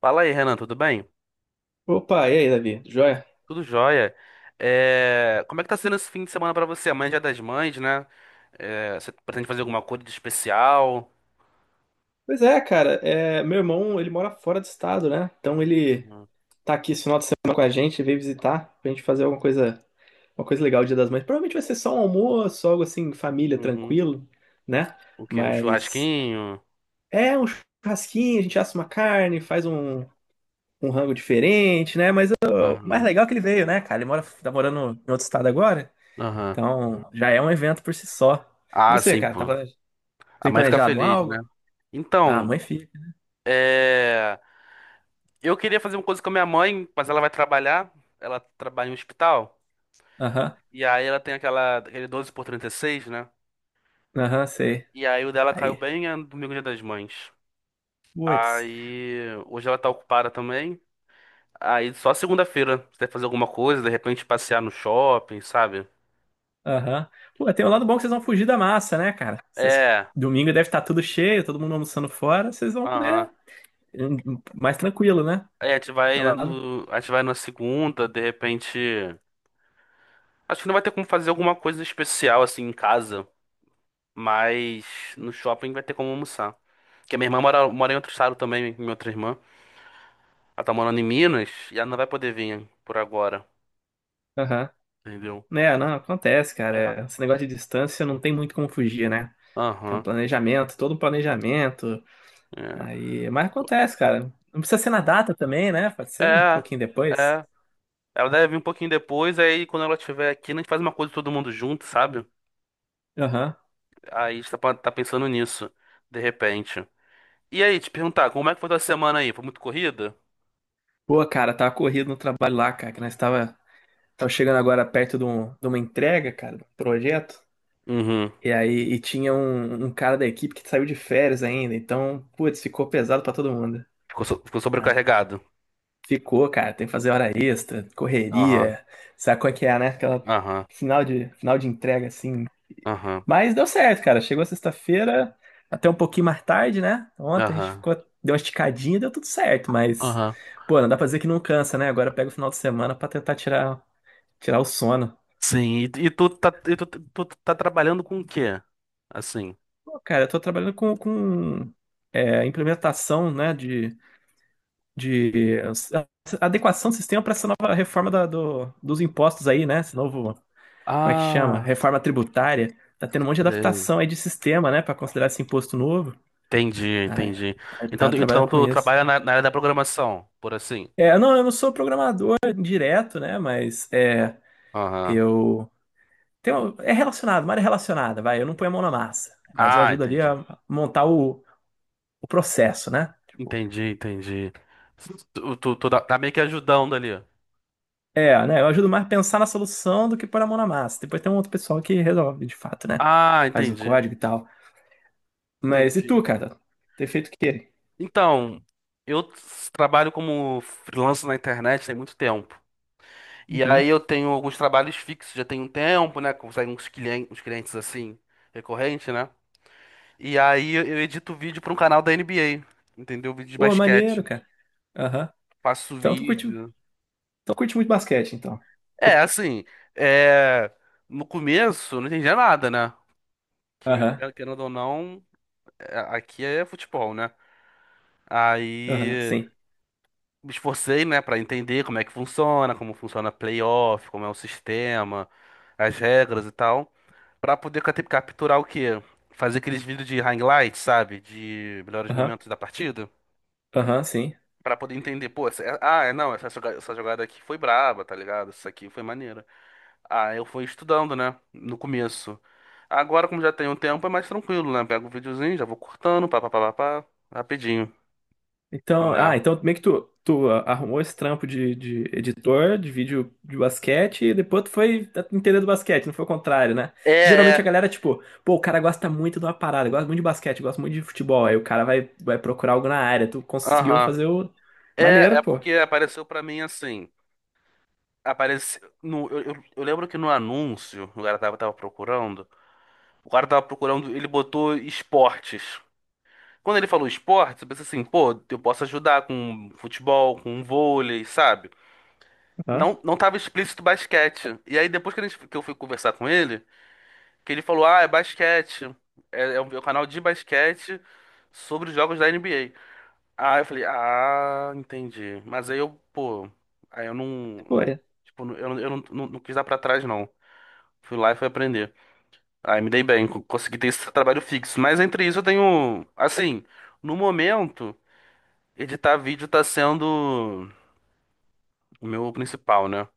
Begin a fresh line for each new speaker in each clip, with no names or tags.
Fala aí, Renan, tudo bem?
Opa, e aí, Davi? Joia?
Tudo jóia. É, como é que tá sendo esse fim de semana pra você? Amanhã é Dia das Mães, né? É, você pretende fazer alguma coisa de especial?
Pois é, cara, meu irmão, ele mora fora do estado, né? Então ele
Uhum.
tá aqui esse final de semana com a gente, veio visitar pra gente fazer alguma coisa, uma coisa legal, o Dia das Mães. Provavelmente vai ser só um almoço, algo assim, família,
Uhum.
tranquilo, né?
O quê? Um
Mas
churrasquinho?
é um churrasquinho, a gente assa uma carne, faz um rango diferente, né? Mas ó, o mais
Aham.
legal é que ele veio, né, cara? Tá morando em outro estado agora,
Aham.
então já é um evento por si só. E
Ah,
você,
sim,
cara,
pô. A
tem
mãe fica
planejado
feliz, né?
algo? Ah,
Então,
mãe e filho.
é, eu queria fazer uma coisa com a minha mãe, mas ela vai trabalhar. Ela trabalha em um hospital.
Aham.
E aí ela tem aquele 12 por 36, né?
Aham, sei.
E aí o dela caiu
Aí.
bem é domingo, Dia das Mães.
Putz.
Aí hoje ela tá ocupada também. Aí só segunda-feira você vai fazer alguma coisa, de repente passear no shopping, sabe?
Aham. Pô, tem um lado bom que vocês vão fugir da massa, né, cara? Vocês...
É,
Domingo deve estar tudo cheio, todo mundo almoçando fora. Vocês vão
aham.
poder. Mais tranquilo, né?
Aí a gente
Tem um
vai
lado.
no, a gente vai na segunda, de repente. Acho que não vai ter como fazer alguma coisa especial assim em casa, mas no shopping vai ter como almoçar. Porque a minha irmã mora, mora em outro estado também, minha outra irmã. Ela tá morando em Minas e ela não vai poder vir por agora,
Aham.
entendeu?
Né, não, acontece, cara.
É,
É, esse negócio de distância não tem muito como fugir, né?
aham.
Todo um planejamento.
É.
Aí. Mas acontece, cara. Não precisa ser na data também, né? Pode ser um
É,
pouquinho depois.
é. Ela deve vir um pouquinho depois, aí quando ela estiver aqui, a gente faz uma coisa todo mundo junto, sabe?
Aham.
Aí você tá pensando nisso, de repente. E aí, te perguntar, como é que foi tua semana aí? Foi muito corrida?
Pô, cara, tava corrido no trabalho lá, cara, que nós tava. Tava chegando agora perto de, de uma entrega, cara, de um projeto.
Uhum.
E aí, e tinha um cara da equipe que saiu de férias ainda. Então, putz, ficou pesado pra todo mundo.
Ficou, ficou
Ai,
sobrecarregado.
ficou, cara. Tem que fazer hora extra,
Aham,
correria. Sabe qual é que é, né? Aquela
aham,
final de entrega, assim.
aham,
Mas deu certo, cara. Chegou sexta-feira, até um pouquinho mais tarde, né? Ontem a gente
aham,
ficou, deu uma esticadinha, deu tudo certo. Mas,
aham.
pô, não dá pra dizer que não cansa, né? Agora pega o final de semana pra tentar tirar o sono.
Sim, e tu tá trabalhando com o quê? Assim.
Pô, cara, eu tô trabalhando com implementação, né, de adequação do sistema para essa nova reforma do, dos impostos aí, né? Esse novo, como é que chama?
Ah,
Reforma tributária. Tá tendo um monte de
sei.
adaptação aí de sistema, né, para considerar esse imposto novo.
Entendi,
Aí,
entendi.
aí
Então,
tá trabalhando
então
com
tu
isso.
trabalha na, na área da programação, por assim.
É, não, eu não sou programador direto, né, mas é,
Aham.
eu tenho, é relacionado, uma área relacionada, vai. Eu não ponho a mão na massa, mas eu
Ah,
ajudo ali
entendi.
a montar o processo, né?
Entendi, entendi. Tu tá meio que ajudando ali.
É, né? Eu ajudo mais a pensar na solução do que pôr a mão na massa. Depois tem um outro pessoal que resolve, de fato, né?
Ah,
Faz o
entendi.
código e tal. Mas e
Entendi.
tu, cara? Ter feito o quê?
Então, trabalho como freelancer na internet tem muito tempo. E aí
Uhum.
eu tenho alguns trabalhos fixos, já tem um tempo, né? Consegue uns clientes assim, recorrente, né? E aí eu edito vídeo para um canal da NBA, entendeu? Vídeo de
Pô, maneiro,
basquete.
cara. Aham.
Faço
Então tu curte,
vídeo.
então curte muito basquete, então.
É, assim, é... no começo eu não entendia nada, né? Que
Aham,
querendo ou não, aqui é futebol, né?
aham,
Aí.
sim.
Me esforcei, né, para entender como é que funciona, como funciona playoff, como é o sistema, as regras e tal, para poder capturar o quê? Fazer aqueles vídeos de highlights, sabe? De melhores
Aham,
momentos da partida,
aham, sim.
para poder entender, pô, essa, é, ah, é, não, essa, joga- essa jogada aqui foi braba, tá ligado? Isso aqui foi maneira. Ah, eu fui estudando, né, no começo. Agora, como já tem um tempo, é mais tranquilo, né? Pego o videozinho, já vou cortando, pá, pá, pá, pá, pá, rapidinho,
Então,
né?
então meio que tu arrumou esse trampo de editor de vídeo de basquete e depois tu foi entender do basquete, não foi o contrário, né? Que
É,
geralmente a
é.
galera, tipo, pô, o cara gosta muito de uma parada, gosta muito de basquete, gosta muito de futebol, aí o cara vai procurar algo na área, tu conseguiu
Aham.
fazer o...
É,
Maneiro,
é
pô.
porque apareceu pra mim assim. Apareceu no, eu lembro que no anúncio, o cara tava procurando, ele botou esportes. Quando ele falou esportes, eu pensei assim, pô, eu posso ajudar com futebol, com vôlei, sabe?
Aham,
Não, não tava explícito basquete. E aí depois que, a gente, que eu fui conversar com ele, que ele falou, ah, é basquete. É, é o meu canal de basquete sobre os jogos da NBA. Ah, eu falei, ah, entendi. Mas aí eu, pô, aí
foi.
eu não, não- não quis dar pra trás, não. Fui lá e fui aprender. Aí me dei bem, consegui ter esse trabalho fixo. Mas entre isso eu tenho, assim, no momento, editar vídeo tá sendo o meu principal, né?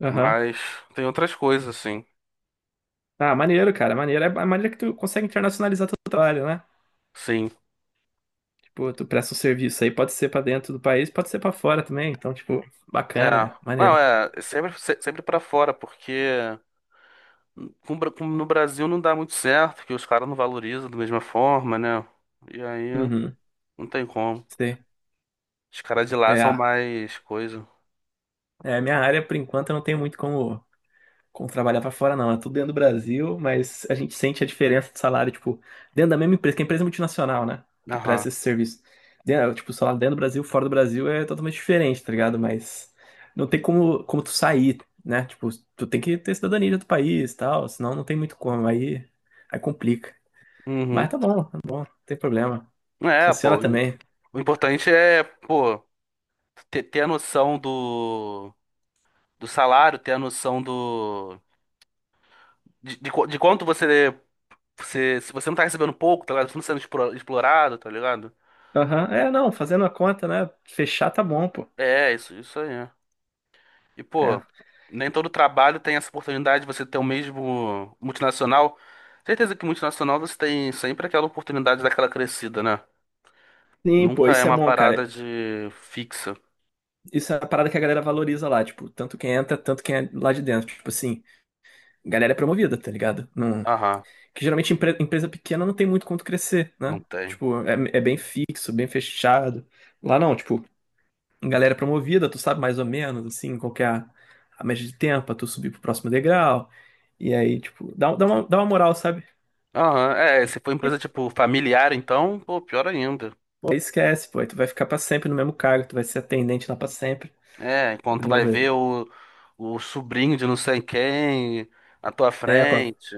Aham.
Mas tem outras coisas, assim.
Ah, maneiro, cara, maneiro. É a maneira que tu consegue internacionalizar teu trabalho, né?
Sim.
Tipo, tu presta um serviço aí, pode ser pra dentro do país, pode ser pra fora também, então, tipo,
É.
bacana,
Não,
maneiro.
é, sempre, sempre pra fora, porque com o Bra- com- no Brasil não dá muito certo, que os caras não valorizam da mesma forma, né? E aí.
Uhum,
Não tem como.
sei.
Os caras de lá
É,
são
ah,
mais coisa.
É, minha área, por enquanto, eu não tenho muito como, como trabalhar pra fora, não. É tudo dentro do Brasil, mas a gente sente a diferença de salário, tipo, dentro da mesma empresa, que é empresa multinacional, né? Que
Aham.
presta esse serviço. Dentro, é, tipo, o salário dentro do Brasil, fora do Brasil é totalmente diferente, tá ligado? Mas não tem como, como tu sair, né? Tipo, tu tem que ter cidadania de outro país e tal, senão não tem muito como. Aí, aí complica.
Uhum.
Mas tá bom, não tem problema.
É, pô.
Funciona também.
O importante é, pô, ter a noção do, do salário, ter a noção do. De quanto você, você. Se você não tá recebendo pouco, tá ligado? Você não tá sendo explorado, tá ligado?
Aham, é, não, fazendo a conta, né? Fechar tá bom, pô.
É, isso aí. É. E,
É.
pô, nem todo trabalho tem essa oportunidade de você ter o mesmo multinacional. Certeza que multinacional você tem sempre aquela oportunidade daquela crescida, né?
Sim, pô,
Nunca é
isso é
uma
bom,
parada
cara.
de fixa.
Isso é a parada que a galera valoriza lá, tipo, tanto quem entra, tanto quem é lá de dentro. Tipo assim, galera é promovida, tá ligado? Não...
Aham,
Que geralmente empresa pequena não tem muito quanto crescer,
não
né?
tem.
Tipo, é bem fixo, bem fechado. Lá não, tipo, galera é promovida, tu sabe mais ou menos, assim, qual que é a média de tempo pra tu subir pro próximo degrau. E aí, tipo, dá uma moral, sabe?
Aham, é, se for
E,
empresa tipo familiar, então, pô, pior ainda.
pô, aí esquece, pô, aí tu vai ficar pra sempre no mesmo cargo, tu vai ser atendente lá pra sempre.
É, enquanto vai
Desenvolver.
ver o sobrinho de não sei quem na tua
É,
frente.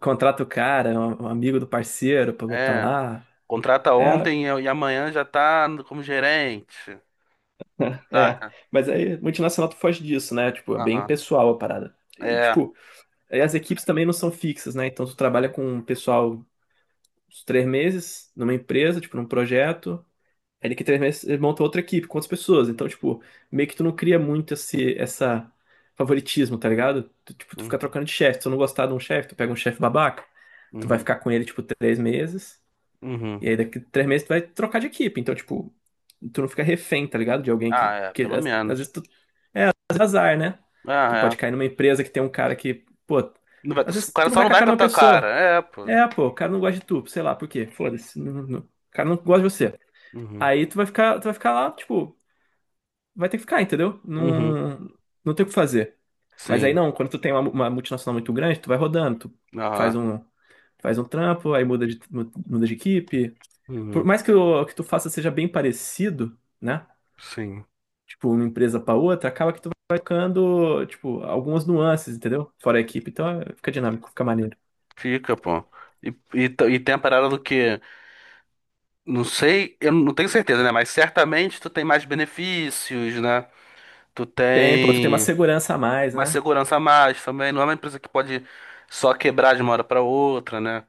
contrata o cara, é um amigo do parceiro pra botar
É,
lá.
contrata
É,
ontem e amanhã já tá como gerente,
é.
saca?
Mas aí, multinacional tu foge disso, né? Tipo, é bem
Aham,
pessoal a parada. E,
é.
tipo, aí as equipes também não são fixas, né? Então tu trabalha com um pessoal uns três meses numa empresa, tipo, num projeto. Aí daqui três meses ele monta outra equipe com outras pessoas. Então, tipo, meio que tu não cria muito essa favoritismo, tá ligado? Tu, tipo, tu fica
Uhum,
trocando de chefe. Se tu não gostar de um chefe, tu pega um chefe babaca, tu vai
uhum,
ficar com ele, tipo, três meses.
uhum.
E aí daqui três meses tu vai trocar de equipe. Então, tipo, tu não fica refém, tá ligado? De alguém
Ah,
que.
é,
que
pelo
às
menos.
vezes. Mas é azar, né? Tu
Ah,
pode
é.
cair numa empresa que tem um cara que, pô,
Não vai...
às
o
vezes
cara
tu não
só
vai
não
com a
vai
cara
com a
de uma
tua cara.
pessoa.
É, pô.
É, pô, o cara não gosta de tu, sei lá, por quê? Foda-se. O cara não gosta de você.
Uhum,
Aí tu vai ficar lá, tipo, vai ter que ficar, entendeu?
uhum,
Não, não tem o que fazer. Mas aí
sim.
não, quando tu tem uma multinacional muito grande, tu vai rodando, tu faz
Aham.
um, faz um trampo, aí muda de equipe. Por
Uhum.
mais que o que tu faça seja bem parecido, né?
Sim,
Tipo, uma empresa para outra, acaba que tu vai tocando, tipo, algumas nuances, entendeu? Fora a equipe, então é, fica dinâmico, fica maneiro.
fica, pô. E, e, e tem a parada do que, não sei, eu não tenho certeza, né? Mas certamente tu tem mais benefícios, né? Tu
Tem, pô, tu tem uma
tem
segurança a mais,
mais
né?
segurança a mais também. Não é uma empresa que pode só quebrar de uma hora pra outra, né?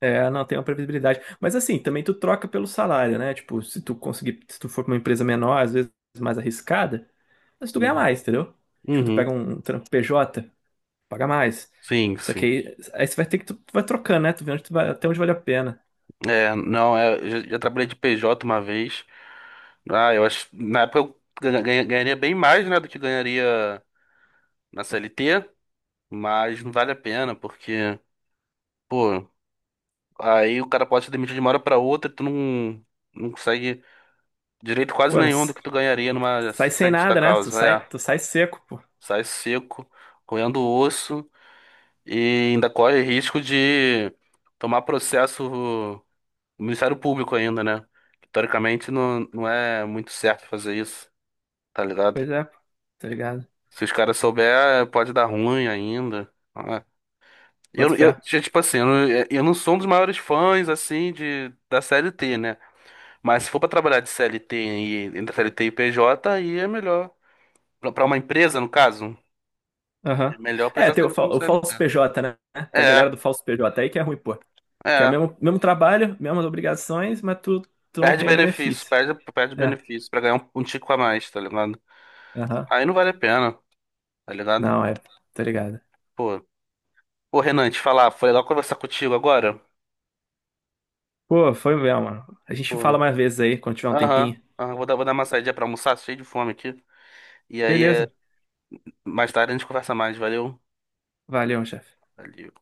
É, não tem uma previsibilidade. Mas assim, também tu troca pelo salário, né? Tipo, se tu conseguir, se tu for pra uma empresa menor, às vezes mais arriscada, mas tu ganha
Uhum.
mais, entendeu? Tipo, tu pega
Uhum.
um trampo PJ, paga mais.
Sim,
Só que
sim.
aí você vai ter tu vai trocando, né? Tu vê onde tu vai, até onde vale a pena.
É, não, é, eu já trabalhei de PJ uma vez. Ah, eu acho, na época eu ganharia bem mais, né, do que ganharia na CLT, mas não vale a pena, porque. Pô, aí o cara pode ser demitido de uma hora pra outra, tu não consegue direito quase
Mano,
nenhum do que tu ganharia numa
sai sem
justa
nada, né?
causa. É,
Tu sai seco, pô.
sai seco, roendo o osso e ainda corre risco de tomar processo do Ministério Público ainda, né? Teoricamente não, não é muito certo fazer isso, tá ligado?
Pois é, pô. Tá ligado?
Se os caras souber, pode dar ruim ainda. Ah,
Bota fé.
Tipo assim, eu não sou um dos maiores fãs, assim, de, da CLT né? Mas se for para trabalhar de CLT e entre CLT e PJ, aí é melhor. Para uma empresa, no caso, é
Aham.
melhor
É,
prestar serviço como
o
CLT.
falso PJ, né? Tem a galera
É,
do falso PJ aí que é ruim, pô. Que é o
é.
mesmo trabalho, mesmas obrigações, mas tu não
Perde
tem o
benefício,
benefício.
perde, perde
É.
benefício para ganhar um, um tico a mais, tá ligado?
Aham.
Aí não vale a pena, tá ligado?
Não, é. Tá ligado.
Pô, pô, Renan, te falar, foi legal conversar contigo agora.
Pô, foi mesmo, mano. A gente
Foi.
fala mais vezes aí, quando tiver um
Aham,
tempinho.
aham, vou dar uma saidinha pra almoçar, cheio de fome aqui. E aí, é,
Beleza.
mais tarde a gente conversa mais, valeu?
Valeu, chefe.
Valeu.